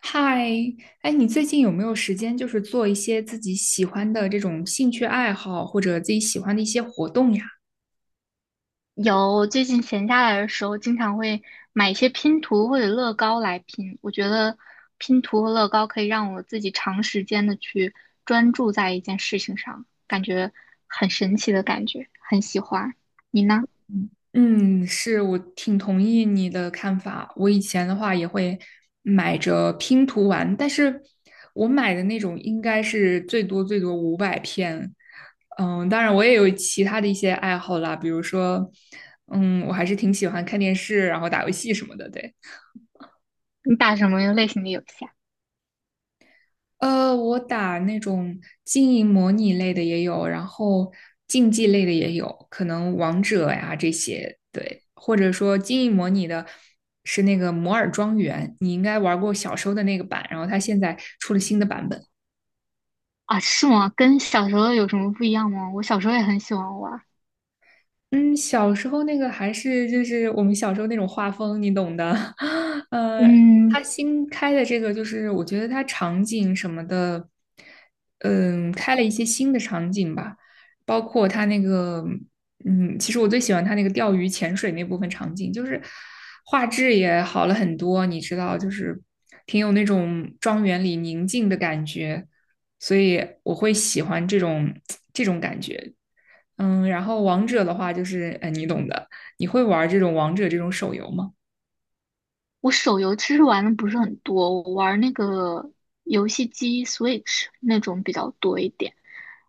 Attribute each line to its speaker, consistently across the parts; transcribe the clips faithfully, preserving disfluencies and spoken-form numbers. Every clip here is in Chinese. Speaker 1: 嗨，哎，你最近有没有时间，就是做一些自己喜欢的这种兴趣爱好，或者自己喜欢的一些活动呀？
Speaker 2: 有，最近闲下来的时候，经常会买一些拼图或者乐高来拼。我觉得拼图和乐高可以让我自己长时间的去专注在一件事情上，感觉很神奇的感觉，很喜欢。你呢？
Speaker 1: 嗯，是，我挺同意你的看法。我以前的话也会买着拼图玩，但是我买的那种应该是最多最多五百片。嗯，当然我也有其他的一些爱好啦，比如说，嗯，我还是挺喜欢看电视，然后打游戏什么的，对。
Speaker 2: 你打什么类型的游戏啊？
Speaker 1: 呃，我打那种经营模拟类的也有，然后竞技类的也有，可能王者呀这些，对，或者说经营模拟的是那个摩尔庄园，你应该玩过小时候的那个版，然后它现在出了新的版本。
Speaker 2: 啊，是吗？跟小时候有什么不一样吗？我小时候也很喜欢玩儿。
Speaker 1: 嗯，小时候那个还是就是我们小时候那种画风，你懂的。呃，
Speaker 2: 嗯，
Speaker 1: 它新开的这个，就是我觉得它场景什么的，嗯，开了一些新的场景吧，包括它那个，嗯，其实我最喜欢它那个钓鱼潜水那部分场景，就是画质也好了很多，你知道，就是挺有那种庄园里宁静的感觉，所以我会喜欢这种 这种感觉。嗯，然后王者的话就是，呃，你懂的。你会玩这种王者这种手游吗？
Speaker 2: 我手游其实玩的不是很多，我玩那个游戏机 Switch 那种比较多一点。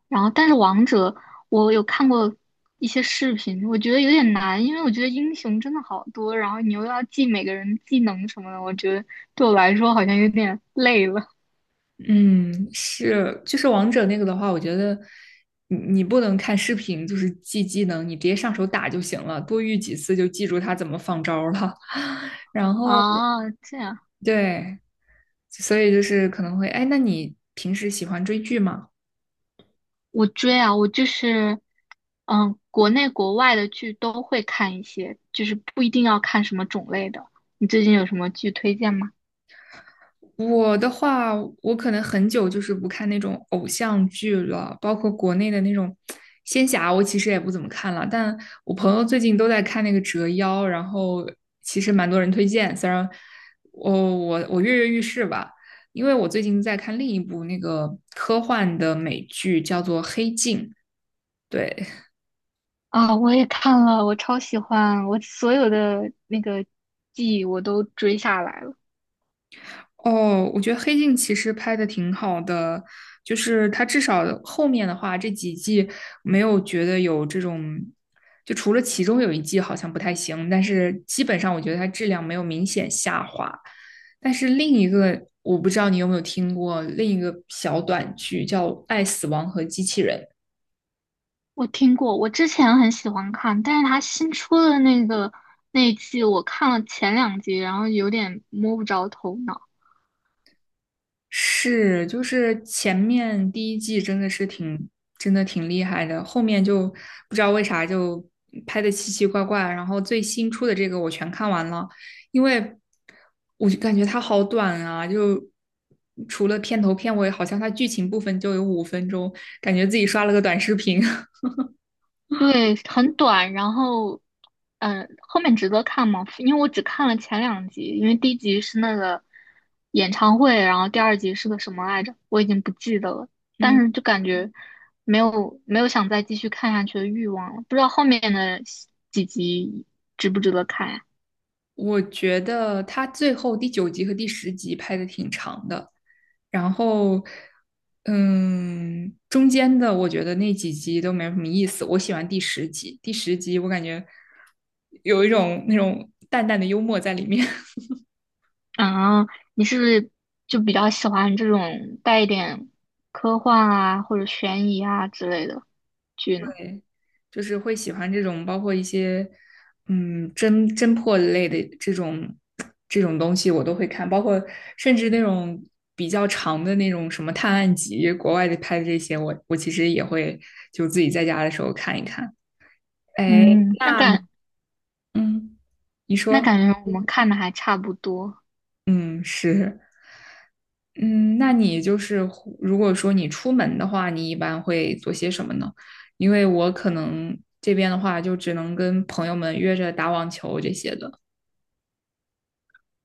Speaker 2: 然后，但是王者我有看过一些视频，我觉得有点难，因为我觉得英雄真的好多，然后你又要记每个人技能什么的，我觉得对我来说好像有点累了。
Speaker 1: 嗯，是，就是王者那个的话，我觉得你你不能看视频，就是记技能，你直接上手打就行了，多遇几次就记住他怎么放招儿了。然后
Speaker 2: 啊，这样。
Speaker 1: 对，所以就是可能会，哎，那你平时喜欢追剧吗？
Speaker 2: 我追啊，我就是，嗯，国内国外的剧都会看一些，就是不一定要看什么种类的。你最近有什么剧推荐吗？
Speaker 1: 我的话，我可能很久就是不看那种偶像剧了，包括国内的那种仙侠，我其实也不怎么看了。但我朋友最近都在看那个《折腰》，然后其实蛮多人推荐，虽然我我我跃跃欲试吧，因为我最近在看另一部那个科幻的美剧，叫做《黑镜》。对，
Speaker 2: 啊，我也看了，我超喜欢，我所有的那个剧我都追下来了。
Speaker 1: 哦，我觉得《黑镜》其实拍的挺好的，就是它至少后面的话这几季没有觉得有这种，就除了其中有一季好像不太行，但是基本上我觉得它质量没有明显下滑。但是另一个我不知道你有没有听过另一个小短剧叫《爱、死亡和机器人》，
Speaker 2: 我听过，我之前很喜欢看，但是他新出的那个那一季，我看了前两集，然后有点摸不着头脑。
Speaker 1: 是，就是前面第一季真的是挺，真的挺厉害的，后面就不知道为啥就拍的奇奇怪怪。然后最新出的这个我全看完了，因为我就感觉它好短啊，就除了片头片尾，好像它剧情部分就有五分钟，感觉自己刷了个短视频。
Speaker 2: 对，很短，然后，嗯，后面值得看吗？因为我只看了前两集，因为第一集是那个演唱会，然后第二集是个什么来着，我已经不记得了。但
Speaker 1: 嗯，
Speaker 2: 是就感觉没有没有想再继续看下去的欲望了，不知道后面的几集值不值得看呀？
Speaker 1: 我觉得它最后第九集和第十集拍的挺长的。然后，嗯，中间的我觉得那几集都没有什么意思。我喜欢第十集，第十集我感觉有一种那种淡淡的幽默在里面，
Speaker 2: 啊，你是不是就比较喜欢这种带一点科幻啊或者悬疑啊之类的 剧呢？
Speaker 1: 对，就是会喜欢这种包括一些嗯侦侦破类的这种这种东西我都会看，包括甚至那种比较长的那种什么探案集，国外的拍的这些，我我其实也会就自己在家的时候看一看。哎，
Speaker 2: 嗯，那
Speaker 1: 那你
Speaker 2: 感
Speaker 1: 嗯，你
Speaker 2: 那
Speaker 1: 说。
Speaker 2: 感觉我们看的还差不多。
Speaker 1: 嗯，是，嗯，那你就是如果说你出门的话，你一般会做些什么呢？因为我可能这边的话，就只能跟朋友们约着打网球这些的。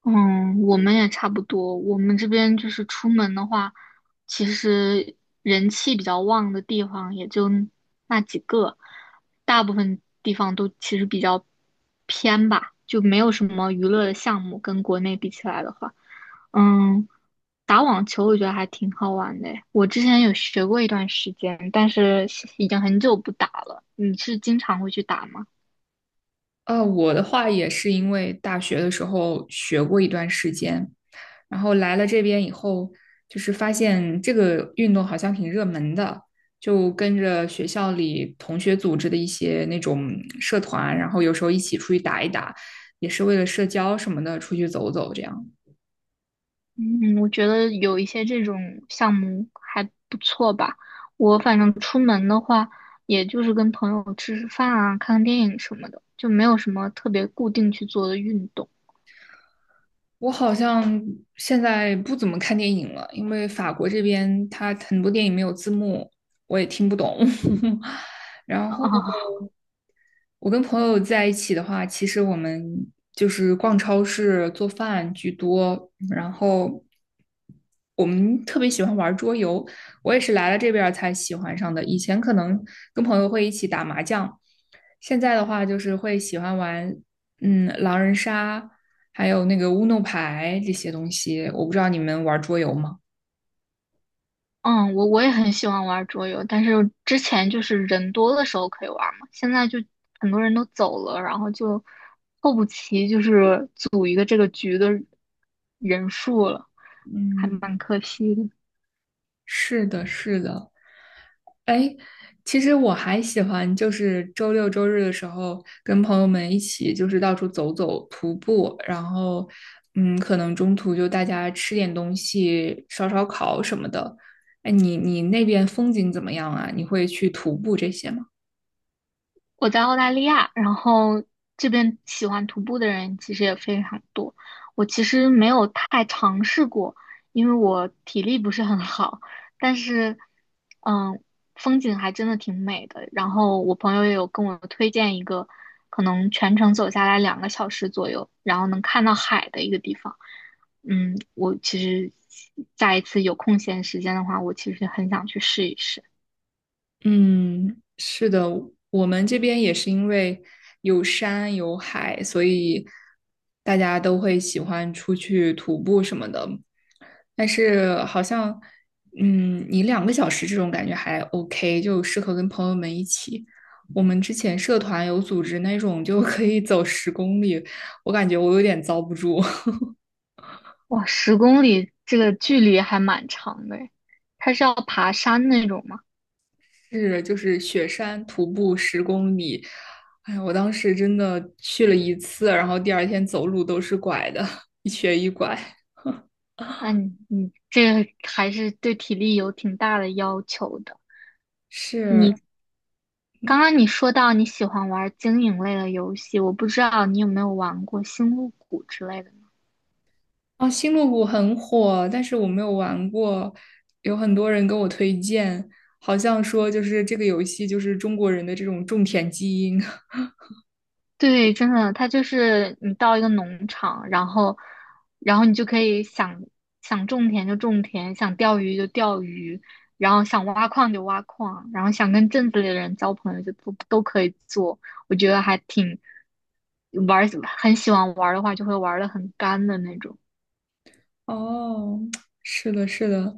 Speaker 2: 嗯，我们也差不多。我们这边就是出门的话，其实人气比较旺的地方也就那几个，大部分地方都其实比较偏吧，就没有什么娱乐的项目。跟国内比起来的话，嗯，打网球我觉得还挺好玩的诶，我之前有学过一段时间，但是已经很久不打了。你是经常会去打吗？
Speaker 1: 呃，我的话也是因为大学的时候学过一段时间，然后来了这边以后，就是发现这个运动好像挺热门的，就跟着学校里同学组织的一些那种社团，然后有时候一起出去打一打，也是为了社交什么的，出去走走这样。
Speaker 2: 嗯，我觉得有一些这种项目还不错吧。我反正出门的话，也就是跟朋友吃吃饭啊，看看电影什么的，就没有什么特别固定去做的运动
Speaker 1: 我好像现在不怎么看电影了，因为法国这边它很多电影没有字幕，我也听不懂。然后
Speaker 2: 啊。
Speaker 1: 我跟朋友在一起的话，其实我们就是逛超市、做饭居多，然后我们特别喜欢玩桌游。我也是来了这边儿才喜欢上的，以前可能跟朋友会一起打麻将，现在的话就是会喜欢玩，嗯，狼人杀，还有那个乌弄牌这些东西。我不知道你们玩桌游吗？
Speaker 2: 嗯，我我也很喜欢玩桌游，但是之前就是人多的时候可以玩嘛，现在就很多人都走了，然后就凑不齐，就是组一个这个局的人数了，还
Speaker 1: 嗯，
Speaker 2: 蛮可惜的。
Speaker 1: 是的，是的。哎，其实我还喜欢，就是周六周日的时候跟朋友们一起，就是到处走走、徒步，然后，嗯，可能中途就大家吃点东西、烧烧烤什么的。哎，你你那边风景怎么样啊？你会去徒步这些吗？
Speaker 2: 我在澳大利亚，然后这边喜欢徒步的人其实也非常多。我其实没有太尝试过，因为我体力不是很好，但是，嗯，风景还真的挺美的。然后我朋友也有跟我推荐一个，可能全程走下来两个小时左右，然后能看到海的一个地方。嗯，我其实下一次有空闲时间的话，我其实很想去试一试。
Speaker 1: 嗯，是的，我们这边也是因为有山有海，所以大家都会喜欢出去徒步什么的。但是好像，嗯，你两个小时这种感觉还 OK，就适合跟朋友们一起。我们之前社团有组织那种就可以走十公里，我感觉我有点遭不住。
Speaker 2: 哇，十公里这个距离还蛮长的诶，它是要爬山那种吗？
Speaker 1: 是，就是雪山徒步十公里，哎呀，我当时真的去了一次，然后第二天走路都是拐的，一瘸一拐。
Speaker 2: 那你你这个还是对体力有挺大的要求的。
Speaker 1: 是，
Speaker 2: 你刚刚你说到你喜欢玩经营类的游戏，我不知道你有没有玩过《星露谷》之类的。
Speaker 1: 啊，星露谷很火，但是我没有玩过，有很多人跟我推荐，好像说就是这个游戏就是中国人的这种种田基因。
Speaker 2: 对，真的，它就是你到一个农场，然后，然后你就可以想想种田就种田，想钓鱼就钓鱼，然后想挖矿就挖矿，然后想跟镇子里的人交朋友就都都可以做。我觉得还挺玩儿，很喜欢玩儿的话，就会玩的很干的那种。
Speaker 1: 哦，是的，是的，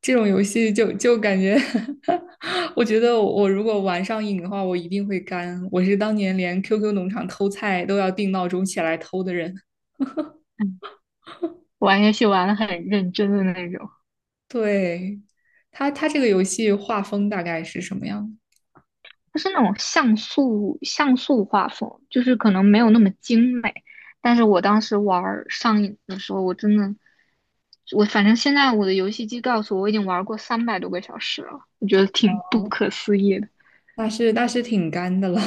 Speaker 1: 这种游戏就就感觉 我觉得我如果玩上瘾的话，我一定会干。我是当年连 Q Q 农场偷菜都要定闹钟起来偷的人。
Speaker 2: 嗯，玩游戏玩的很认真的那种。
Speaker 1: 对，他他这个游戏画风大概是什么样的？
Speaker 2: 它是那种像素像素画风，就是可能没有那么精美。但是我当时玩儿上瘾的时候，我真的我反正现在我的游戏机告诉我，我已经玩过三百多个小时了，我觉得挺不可思议的。
Speaker 1: 那是那是挺干的了。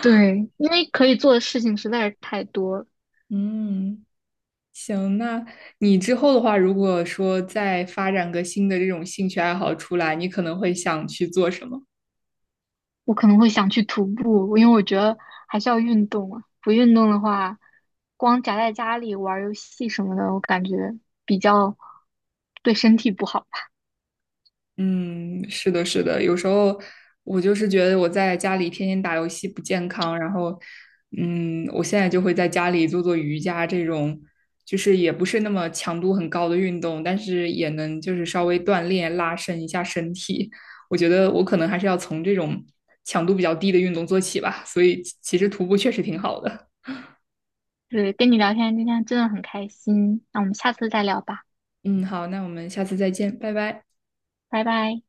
Speaker 2: 对，因为可以做的事情实在是太多了。
Speaker 1: 嗯，行，那你之后的话，如果说再发展个新的这种兴趣爱好出来，你可能会想去做什么？
Speaker 2: 我可能会想去徒步，因为我觉得还是要运动啊。不运动的话，光宅在家里玩游戏什么的，我感觉比较对身体不好吧。
Speaker 1: 嗯，是的，是的，有时候我就是觉得我在家里天天打游戏不健康，然后，嗯，我现在就会在家里做做瑜伽这种，就是也不是那么强度很高的运动，但是也能就是稍微锻炼拉伸一下身体。我觉得我可能还是要从这种强度比较低的运动做起吧，所以其其实徒步确实挺好的。
Speaker 2: 对，跟你聊天今天真的很开心，那我们下次再聊吧。
Speaker 1: 嗯，好，那我们下次再见，拜拜。
Speaker 2: 拜拜。